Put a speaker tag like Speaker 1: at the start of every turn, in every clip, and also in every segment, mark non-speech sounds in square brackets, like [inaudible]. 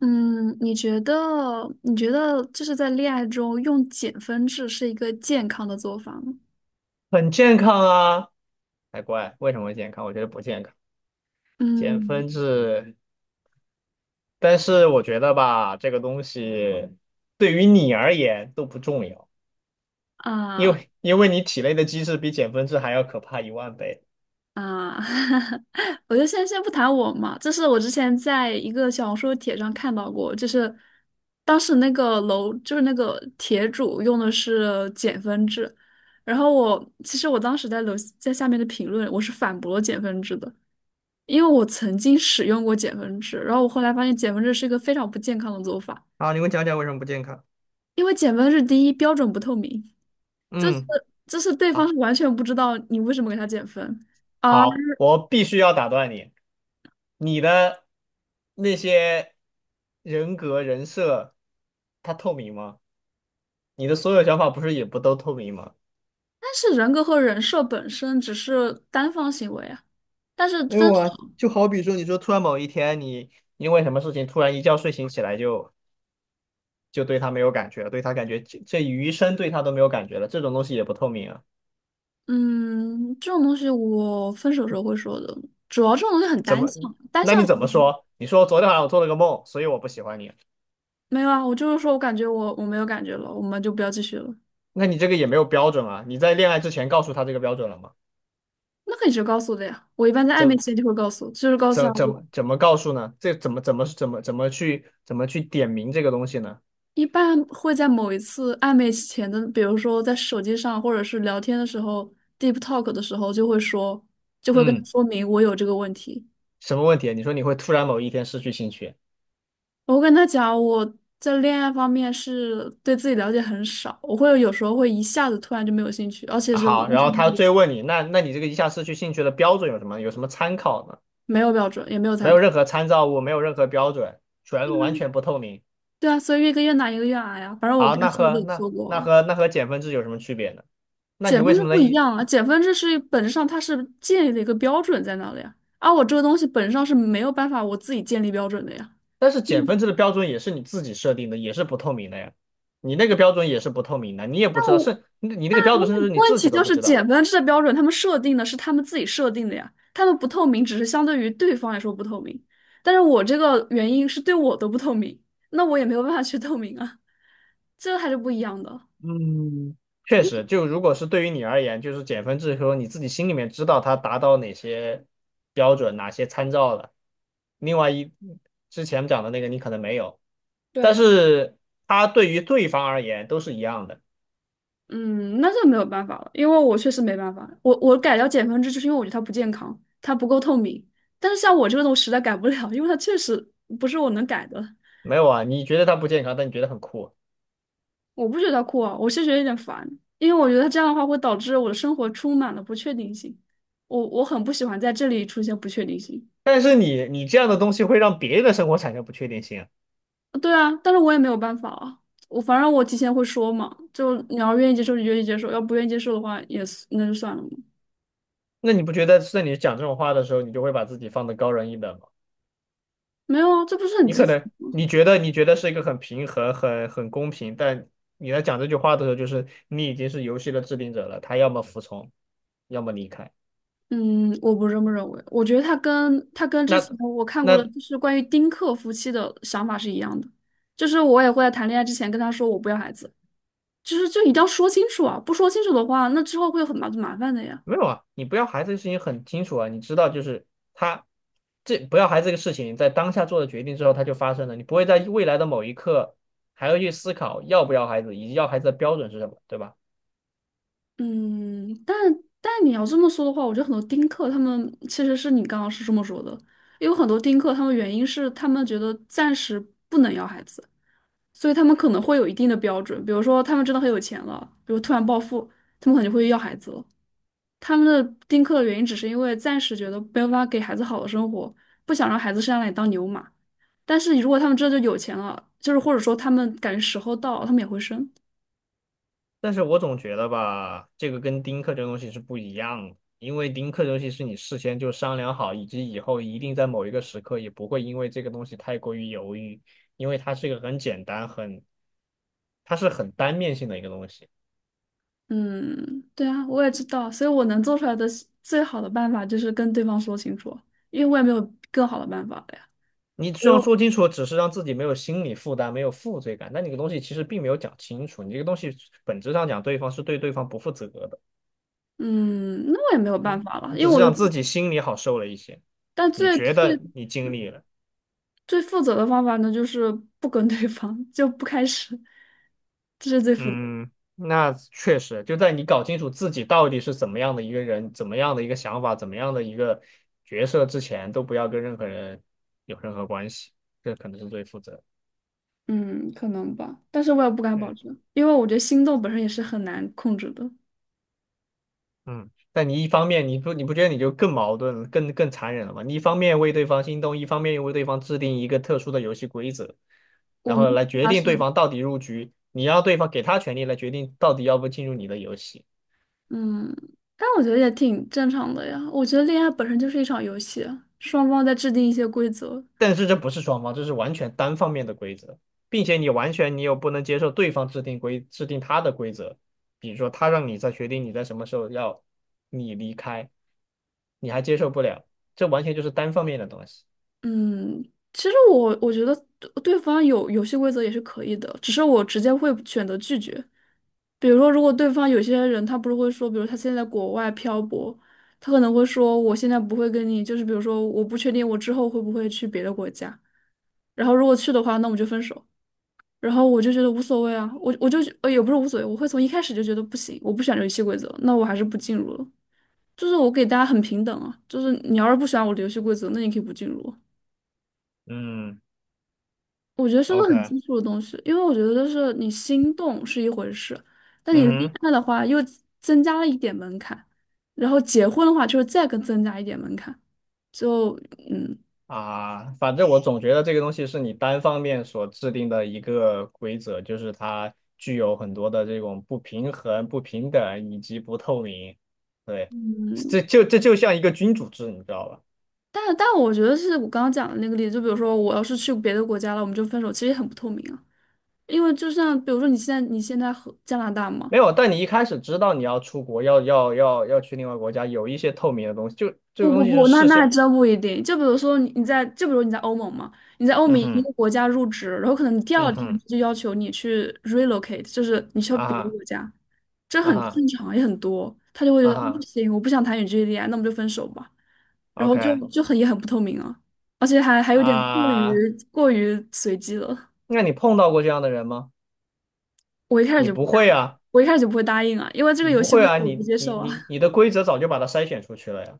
Speaker 1: 嗯，你觉得就是在恋爱中用减分制是一个健康的做法吗？
Speaker 2: 很健康啊，才怪！为什么健康？我觉得不健康，减
Speaker 1: 嗯
Speaker 2: 分制。但是我觉得吧，这个东西对于你而言都不重要，因
Speaker 1: 啊
Speaker 2: 为因为你体内的机制比减分制还要可怕一万倍。
Speaker 1: 啊，[laughs] 我就先不谈我嘛，这是我之前在一个小红书帖上看到过，就是当时那个楼就是那个帖主用的是减分制，然后我其实当时在下面的评论我是反驳减分制的，因为我曾经使用过减分制，然后我后来发现减分制是一个非常不健康的做法。
Speaker 2: 好，你给我讲讲为什么不健康？
Speaker 1: 因为减分是第一，标准不透明，就是
Speaker 2: 嗯，
Speaker 1: 就是对方
Speaker 2: 好，
Speaker 1: 是完全不知道你为什么给他减分，啊。
Speaker 2: 好，我必须要打断你。你的那些人格人设，它透明吗？你的所有想法不是也不都透明吗？
Speaker 1: 但是人格和人设本身只是单方行为啊，但是
Speaker 2: 没
Speaker 1: 分
Speaker 2: 有
Speaker 1: 手。
Speaker 2: 啊，就好比说，你说突然某一天你因为什么事情突然一觉睡醒起来就对他没有感觉了，对他感觉这余生对他都没有感觉了，这种东西也不透明啊。
Speaker 1: 嗯，这种东西我分手时候会说的，主要这种东西很
Speaker 2: 怎
Speaker 1: 单
Speaker 2: 么？
Speaker 1: 向，单
Speaker 2: 那
Speaker 1: 向
Speaker 2: 你
Speaker 1: 行
Speaker 2: 怎么
Speaker 1: 为。
Speaker 2: 说？你说昨天晚上我做了个梦，所以我不喜欢你。
Speaker 1: 没有啊，我就是说我感觉我没有感觉了，我们就不要继续了，
Speaker 2: 那你这个也没有标准啊。你在恋爱之前告诉他这个标准了吗？
Speaker 1: 那可以直接告诉的呀，我一般在暧昧期
Speaker 2: 怎
Speaker 1: 间就会告诉，就是告诉他
Speaker 2: 怎怎
Speaker 1: 我
Speaker 2: 么怎么告诉呢？这怎么去点明这个东西呢？
Speaker 1: 一般会在某一次暧昧前的，比如说在手机上或者是聊天的时候，deep talk 的时候，就会跟他
Speaker 2: 嗯，
Speaker 1: 说明我有这个问题。
Speaker 2: 什么问题啊？你说你会突然某一天失去兴趣？
Speaker 1: 我会跟他讲我在恋爱方面是对自己了解很少，我会有时候会一下子突然就没有兴趣，而且
Speaker 2: 啊
Speaker 1: 是我
Speaker 2: 好，
Speaker 1: 完
Speaker 2: 然
Speaker 1: 全
Speaker 2: 后他追问你，那你这个一下失去兴趣的标准有什么？有什么参考呢？
Speaker 1: 没有标准，也没有
Speaker 2: 没
Speaker 1: 参
Speaker 2: 有
Speaker 1: 考。
Speaker 2: 任何参照物，没有任何标准，
Speaker 1: 对
Speaker 2: 全完
Speaker 1: 啊，
Speaker 2: 全不透明。
Speaker 1: 对啊，所以越跟越难，一个越矮呀。反正我
Speaker 2: 好，
Speaker 1: 该
Speaker 2: 那
Speaker 1: 说的也
Speaker 2: 和
Speaker 1: 有
Speaker 2: 那
Speaker 1: 说过
Speaker 2: 那
Speaker 1: 啊。
Speaker 2: 和那和减分制有什么区别呢？那你
Speaker 1: 减分
Speaker 2: 为什
Speaker 1: 制
Speaker 2: 么
Speaker 1: 不
Speaker 2: 能
Speaker 1: 一
Speaker 2: 一？
Speaker 1: 样啊，减分制是本质上它是建立了一个标准在那里啊，而我这个东西本质上是没有办法我自己建立标准的呀。
Speaker 2: 但是减分制的标准也是你自己设定的，也是不透明的呀。你那个标准也是不透明的，你也
Speaker 1: 那
Speaker 2: 不知道，
Speaker 1: 我
Speaker 2: 是你那个标准甚至你
Speaker 1: 问
Speaker 2: 自
Speaker 1: 题
Speaker 2: 己都
Speaker 1: 就
Speaker 2: 不
Speaker 1: 是
Speaker 2: 知道。
Speaker 1: 减分制的标准，他们设定的是他们自己设定的呀，他们不透明，只是相对于对方来说不透明，但是我这个原因是对我的不透明，那我也没有办法去 [laughs] 透明啊，这还是不一样的。
Speaker 2: 嗯，确实，就如果是对于你而言，就是减分制说你自己心里面知道它达到哪些标准、哪些参照了。另外一之前讲的那个你可能没有，但
Speaker 1: 对。
Speaker 2: 是它对于对方而言都是一样的。
Speaker 1: 嗯，那这没有办法了，因为我确实没办法。我改掉减分制，就是因为我觉得它不健康，它不够透明。但是像我这个，种实在改不了，因为它确实不是我能改的。
Speaker 2: 没有啊，你觉得它不健康，但你觉得很酷。
Speaker 1: 我不觉得它酷啊，我是觉得有点烦，因为我觉得这样的话会导致我的生活充满了不确定性。我很不喜欢在这里出现不确定性。
Speaker 2: 但是你这样的东西会让别人的生活产生不确定性啊
Speaker 1: 对啊，但是我也没有办法啊。我反正我提前会说嘛，就你要愿意接受就愿意接受，要不愿意接受的话也是那就算了嘛。
Speaker 2: 那你不觉得在你讲这种话的时候，你就会把自己放得高人一等吗？
Speaker 1: 没有啊，这不是很
Speaker 2: 你
Speaker 1: 基
Speaker 2: 可
Speaker 1: 础。
Speaker 2: 能你觉得是一个很平衡、很公平，但你在讲这句话的时候，就是你已经是游戏的制定者了，他要么服从，要么离开。
Speaker 1: 嗯，我不这么认为。我觉得他跟之前
Speaker 2: 那
Speaker 1: 我看过的，
Speaker 2: 那
Speaker 1: 就是关于丁克夫妻的想法是一样的，就是我也会在谈恋爱之前跟他说我不要孩子，就是就一定要说清楚啊，不说清楚的话，那之后会有很麻烦的呀。
Speaker 2: 没有啊，你不要孩子的事情很清楚啊，你知道就是他这不要孩子这个事情在当下做的决定之后，它就发生了，你不会在未来的某一刻还要去思考要不要孩子，以及要孩子的标准是什么，对吧？
Speaker 1: 嗯，但你要这么说的话，我觉得很多丁克他们其实是你刚刚是这么说的，有很多丁克他们原因是他们觉得暂时不能要孩子，所以他们可能会有一定的标准，比如说他们真的很有钱了，比如突然暴富，他们可能就会要孩子了。他们的丁克的原因只是因为暂时觉得没有办法给孩子好的生活，不想让孩子生下来当牛马。但是如果他们真的就有钱了，就是或者说他们感觉时候到了，他们也会生。
Speaker 2: 但是我总觉得吧，这个跟丁克这个东西是不一样的，因为丁克这东西是你事先就商量好，以及以后一定在某一个时刻也不会因为这个东西太过于犹豫，因为它是一个很简单、它是很单面性的一个东西。
Speaker 1: 嗯，对啊，我也知道，所以我能做出来的最好的办法就是跟对方说清楚，因为我也没有更好的办法了呀。
Speaker 2: 你
Speaker 1: 不
Speaker 2: 虽然
Speaker 1: 用。
Speaker 2: 说清楚，只是让自己没有心理负担、没有负罪感，但你这个东西其实并没有讲清楚。你这个东西本质上讲，对方是对对方不负责的，
Speaker 1: 嗯，那我也没有办法了，
Speaker 2: 你
Speaker 1: 因为
Speaker 2: 只是
Speaker 1: 我
Speaker 2: 让
Speaker 1: 就，
Speaker 2: 自己心里好受了一些。
Speaker 1: 但
Speaker 2: 你
Speaker 1: 最
Speaker 2: 觉
Speaker 1: 最
Speaker 2: 得你尽力了，
Speaker 1: 最负责的方法呢，就是不跟对方，就不开始，这是最负责。
Speaker 2: 嗯，那确实，就在你搞清楚自己到底是怎么样的一个人，怎么样的一个想法，怎么样的一个角色之前，都不要跟任何人有任何关系，这可能是最负责。
Speaker 1: 嗯，可能吧，但是我也不敢保
Speaker 2: 对，
Speaker 1: 证，因为我觉得心动本身也是很难控制的。
Speaker 2: 嗯，但你一方面，你不觉得你就更矛盾了更残忍了吗？你一方面为对方心动，一方面又为对方制定一个特殊的游戏规则，
Speaker 1: 我
Speaker 2: 然
Speaker 1: 们
Speaker 2: 后来决
Speaker 1: 发是，
Speaker 2: 定对方到底入局，你要对方给他权利来决定到底要不进入你的游戏。
Speaker 1: 嗯，但我觉得也挺正常的呀。我觉得恋爱本身就是一场游戏啊双方在制定一些规则。
Speaker 2: 但是这不是双方，这是完全单方面的规则，并且你完全你又不能接受对方制定他的规则，比如说他让你在决定你在什么时候要你离开，你还接受不了，这完全就是单方面的东西。
Speaker 1: 嗯，其实我觉得对对方有游戏规则也是可以的，只是我直接会选择拒绝。比如说，如果对方有些人他不是会说，比如他现在在国外漂泊，他可能会说我现在不会跟你，就是比如说我不确定我之后会不会去别的国家。然后如果去的话，那我们就分手。然后我就觉得无所谓啊，我我就呃也不是无所谓，我会从一开始就觉得不行，我不喜欢这游戏规则，那我还是不进入了。就是我给大家很平等啊，就是你要是不喜欢我的游戏规则，那你可以不进入。
Speaker 2: 嗯
Speaker 1: 我觉得是个很
Speaker 2: ，OK，
Speaker 1: 基础的东西，因为我觉得就是你心动是一回事，但你
Speaker 2: 嗯
Speaker 1: 恋
Speaker 2: 哼，
Speaker 1: 爱的话又增加了一点门槛，然后结婚的话就是再更增加一点门槛，就嗯
Speaker 2: 啊，反正我总觉得这个东西是你单方面所制定的一个规则，就是它具有很多的这种不平衡、不平等以及不透明。对，
Speaker 1: 嗯。
Speaker 2: 这就像一个君主制，你知道吧？
Speaker 1: 但我觉得是我刚刚讲的那个例子，就比如说我要是去别的国家了，我们就分手，其实也很不透明啊。因为就像比如说你现在和加拿大嘛，
Speaker 2: 没有，但你一开始知道你要出国，要去另外国家，有一些透明的东西，就这个
Speaker 1: 不不
Speaker 2: 东西是
Speaker 1: 不，那
Speaker 2: 事
Speaker 1: 那还
Speaker 2: 先。
Speaker 1: 真不一定。就比如说你你在就比如你在欧盟嘛，你在欧盟
Speaker 2: 嗯
Speaker 1: 一
Speaker 2: 哼，
Speaker 1: 个国家入职，然后可能你第二
Speaker 2: 嗯
Speaker 1: 天
Speaker 2: 哼，
Speaker 1: 就要求你去 relocate，就是你去到
Speaker 2: 啊
Speaker 1: 别的
Speaker 2: 哈，
Speaker 1: 国家，这
Speaker 2: 啊
Speaker 1: 很
Speaker 2: 哈，
Speaker 1: 正常也很多。他就会觉
Speaker 2: 啊
Speaker 1: 得不
Speaker 2: 哈
Speaker 1: 行，我不想谈远距离恋爱，那我们就分手吧。然后就
Speaker 2: ，OK
Speaker 1: 就很也很不透明啊，而且还有点过
Speaker 2: 啊，
Speaker 1: 于过于随机了。
Speaker 2: 那你碰到过这样的人吗？
Speaker 1: 我一开始
Speaker 2: 你
Speaker 1: 就不
Speaker 2: 不
Speaker 1: 答
Speaker 2: 会
Speaker 1: 应，
Speaker 2: 啊，
Speaker 1: 我一开始就不会答应啊，因为这个
Speaker 2: 你
Speaker 1: 游
Speaker 2: 不
Speaker 1: 戏
Speaker 2: 会
Speaker 1: 规则
Speaker 2: 啊，
Speaker 1: 我不
Speaker 2: 你
Speaker 1: 接
Speaker 2: 你
Speaker 1: 受啊。
Speaker 2: 你
Speaker 1: [laughs]
Speaker 2: 你的规则早就把它筛选出去了呀，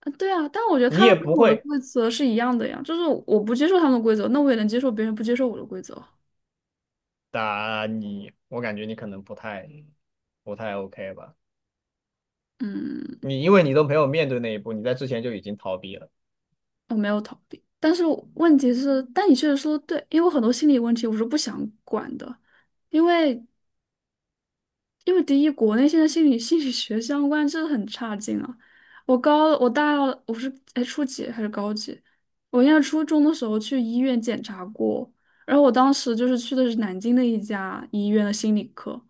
Speaker 1: 啊对啊，但我觉得
Speaker 2: 你
Speaker 1: 他
Speaker 2: 也
Speaker 1: 们跟
Speaker 2: 不
Speaker 1: 我的
Speaker 2: 会，
Speaker 1: 规则是一样的呀，就是我不接受他们的规则，那我也能接受别人不接受我的规则。
Speaker 2: 打你我感觉你可能不太 OK 吧，
Speaker 1: 嗯，
Speaker 2: 你因为你都没有面对那一步，你在之前就已经逃避了。
Speaker 1: 我没有逃避，但是我问题是，但你确实说的对，因为我很多心理问题我是不想管的，因为因为第一，国内现在心理学相关真的很差劲啊！我高我大二我是初几还是高几？我应该初中的时候去医院检查过，然后我当时就是去的是南京的一家医院的心理科，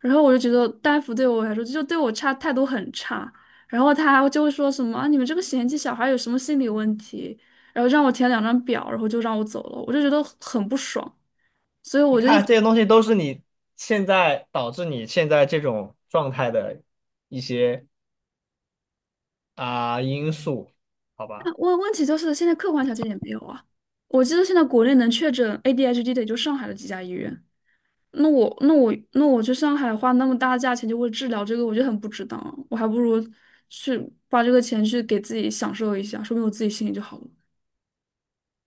Speaker 1: 然后我就觉得大夫对我来说就对我差态度很差，然后他就会说什么啊你们这个嫌弃小孩有什么心理问题，然后让我填两张表，然后就让我走了，我就觉得很不爽，所以
Speaker 2: 你
Speaker 1: 我就一。
Speaker 2: 看这些东西都是你现在导致你现在这种状态的一些啊、因素，好吧？
Speaker 1: 问题就是现在客观条件也没有啊。我记得现在国内能确诊 ADHD 的也就上海的几家医院。那我去上海花那么大的价钱就为治疗这个，我就很不值当啊我还不如去花这个钱去给自己享受一下，说明我自己心里就好了。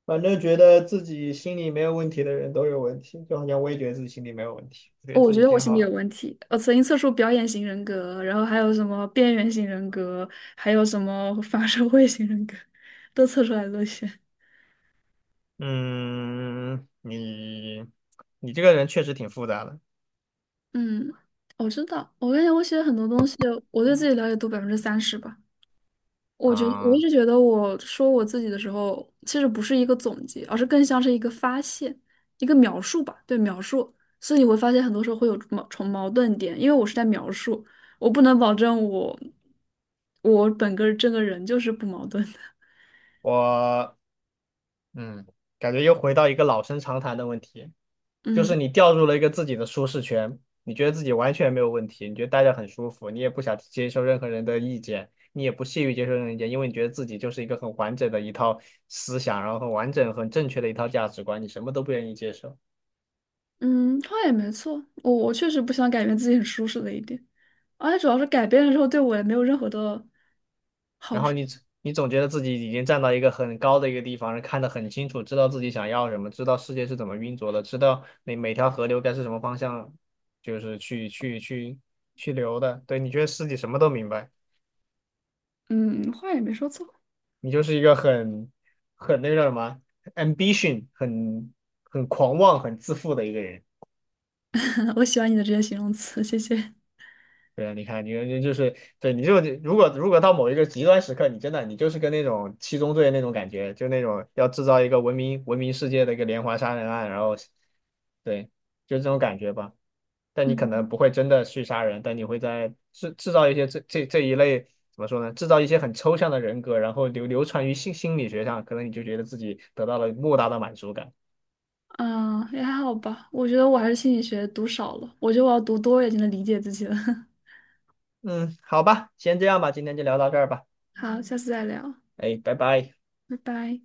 Speaker 2: 反正觉得自己心里没有问题的人都有问题，就好像我也觉得自己心里没有问题，我觉得
Speaker 1: 哦我
Speaker 2: 自
Speaker 1: 觉
Speaker 2: 己
Speaker 1: 得我
Speaker 2: 挺
Speaker 1: 心里
Speaker 2: 好
Speaker 1: 有
Speaker 2: 的。
Speaker 1: 问题，我曾经测出表演型人格，然后还有什么边缘型人格，还有什么 [laughs] 反社会型人格，都测出来了些。
Speaker 2: 嗯，你这个人确实挺复杂的
Speaker 1: 嗯，我知道，我感觉我写很多东西，我对自己了解度30%吧。我觉得我一
Speaker 2: 啊、
Speaker 1: 直觉得，我说我自己的时候，其实不是一个总结，而是更像是一个发现，一个描述吧。对，描述。所以你会发现，很多时候会有矛盾点，因为我是在描述，我不能保证我这个人就是不矛盾的。[laughs]
Speaker 2: 我嗯，感觉又回到一个老生常谈的问题，就
Speaker 1: 嗯
Speaker 2: 是你掉入了一个自己的舒适圈，你觉得自己完全没有问题，你觉得待着很舒服，你也不想接受任何人的意见，你也不屑于接受任何意见，因为你觉得自己就是一个很完整的一套思想，然后很完整、很正确的一套价值观，你什么都不愿意接受，
Speaker 1: 嗯，话也没错，我确实不想改变自己很舒适的一点，而且主要是改变了之后，对我也没有任何的，
Speaker 2: 然后你总觉得自己已经站到一个很高的一个地方，看得很清楚，知道自己想要什么，知道世界是怎么运作的，知道每条河流该是什么方向，就是去流的，对，你觉得自己什么都明白。
Speaker 1: 嗯，话也没说错。
Speaker 2: 你就是一个很那个叫什么啊 ambition，很狂妄、很自负的一个人。
Speaker 1: [laughs] 我喜欢你的这些形容词，谢谢。
Speaker 2: 对啊，你看，你就是对，你就如果到某一个极端时刻，你真的你就是跟那种七宗罪那种感觉，就那种要制造一个文明世界的一个连环杀人案，然后对，就这种感觉吧。但你可
Speaker 1: 嗯。
Speaker 2: 能不会真的去杀人，但你会在制造一些这一类怎么说呢？制造一些很抽象的人格，然后流传于心理学上，可能你就觉得自己得到了莫大的满足感。
Speaker 1: 嗯，也还好吧。我觉得我还是心理学读少了，我觉得我要读多一点才能理解自己了。[laughs]
Speaker 2: 嗯，好吧，先这样吧，今天就聊到这儿吧。
Speaker 1: 好，下次再聊，
Speaker 2: 哎，拜拜。
Speaker 1: 拜拜。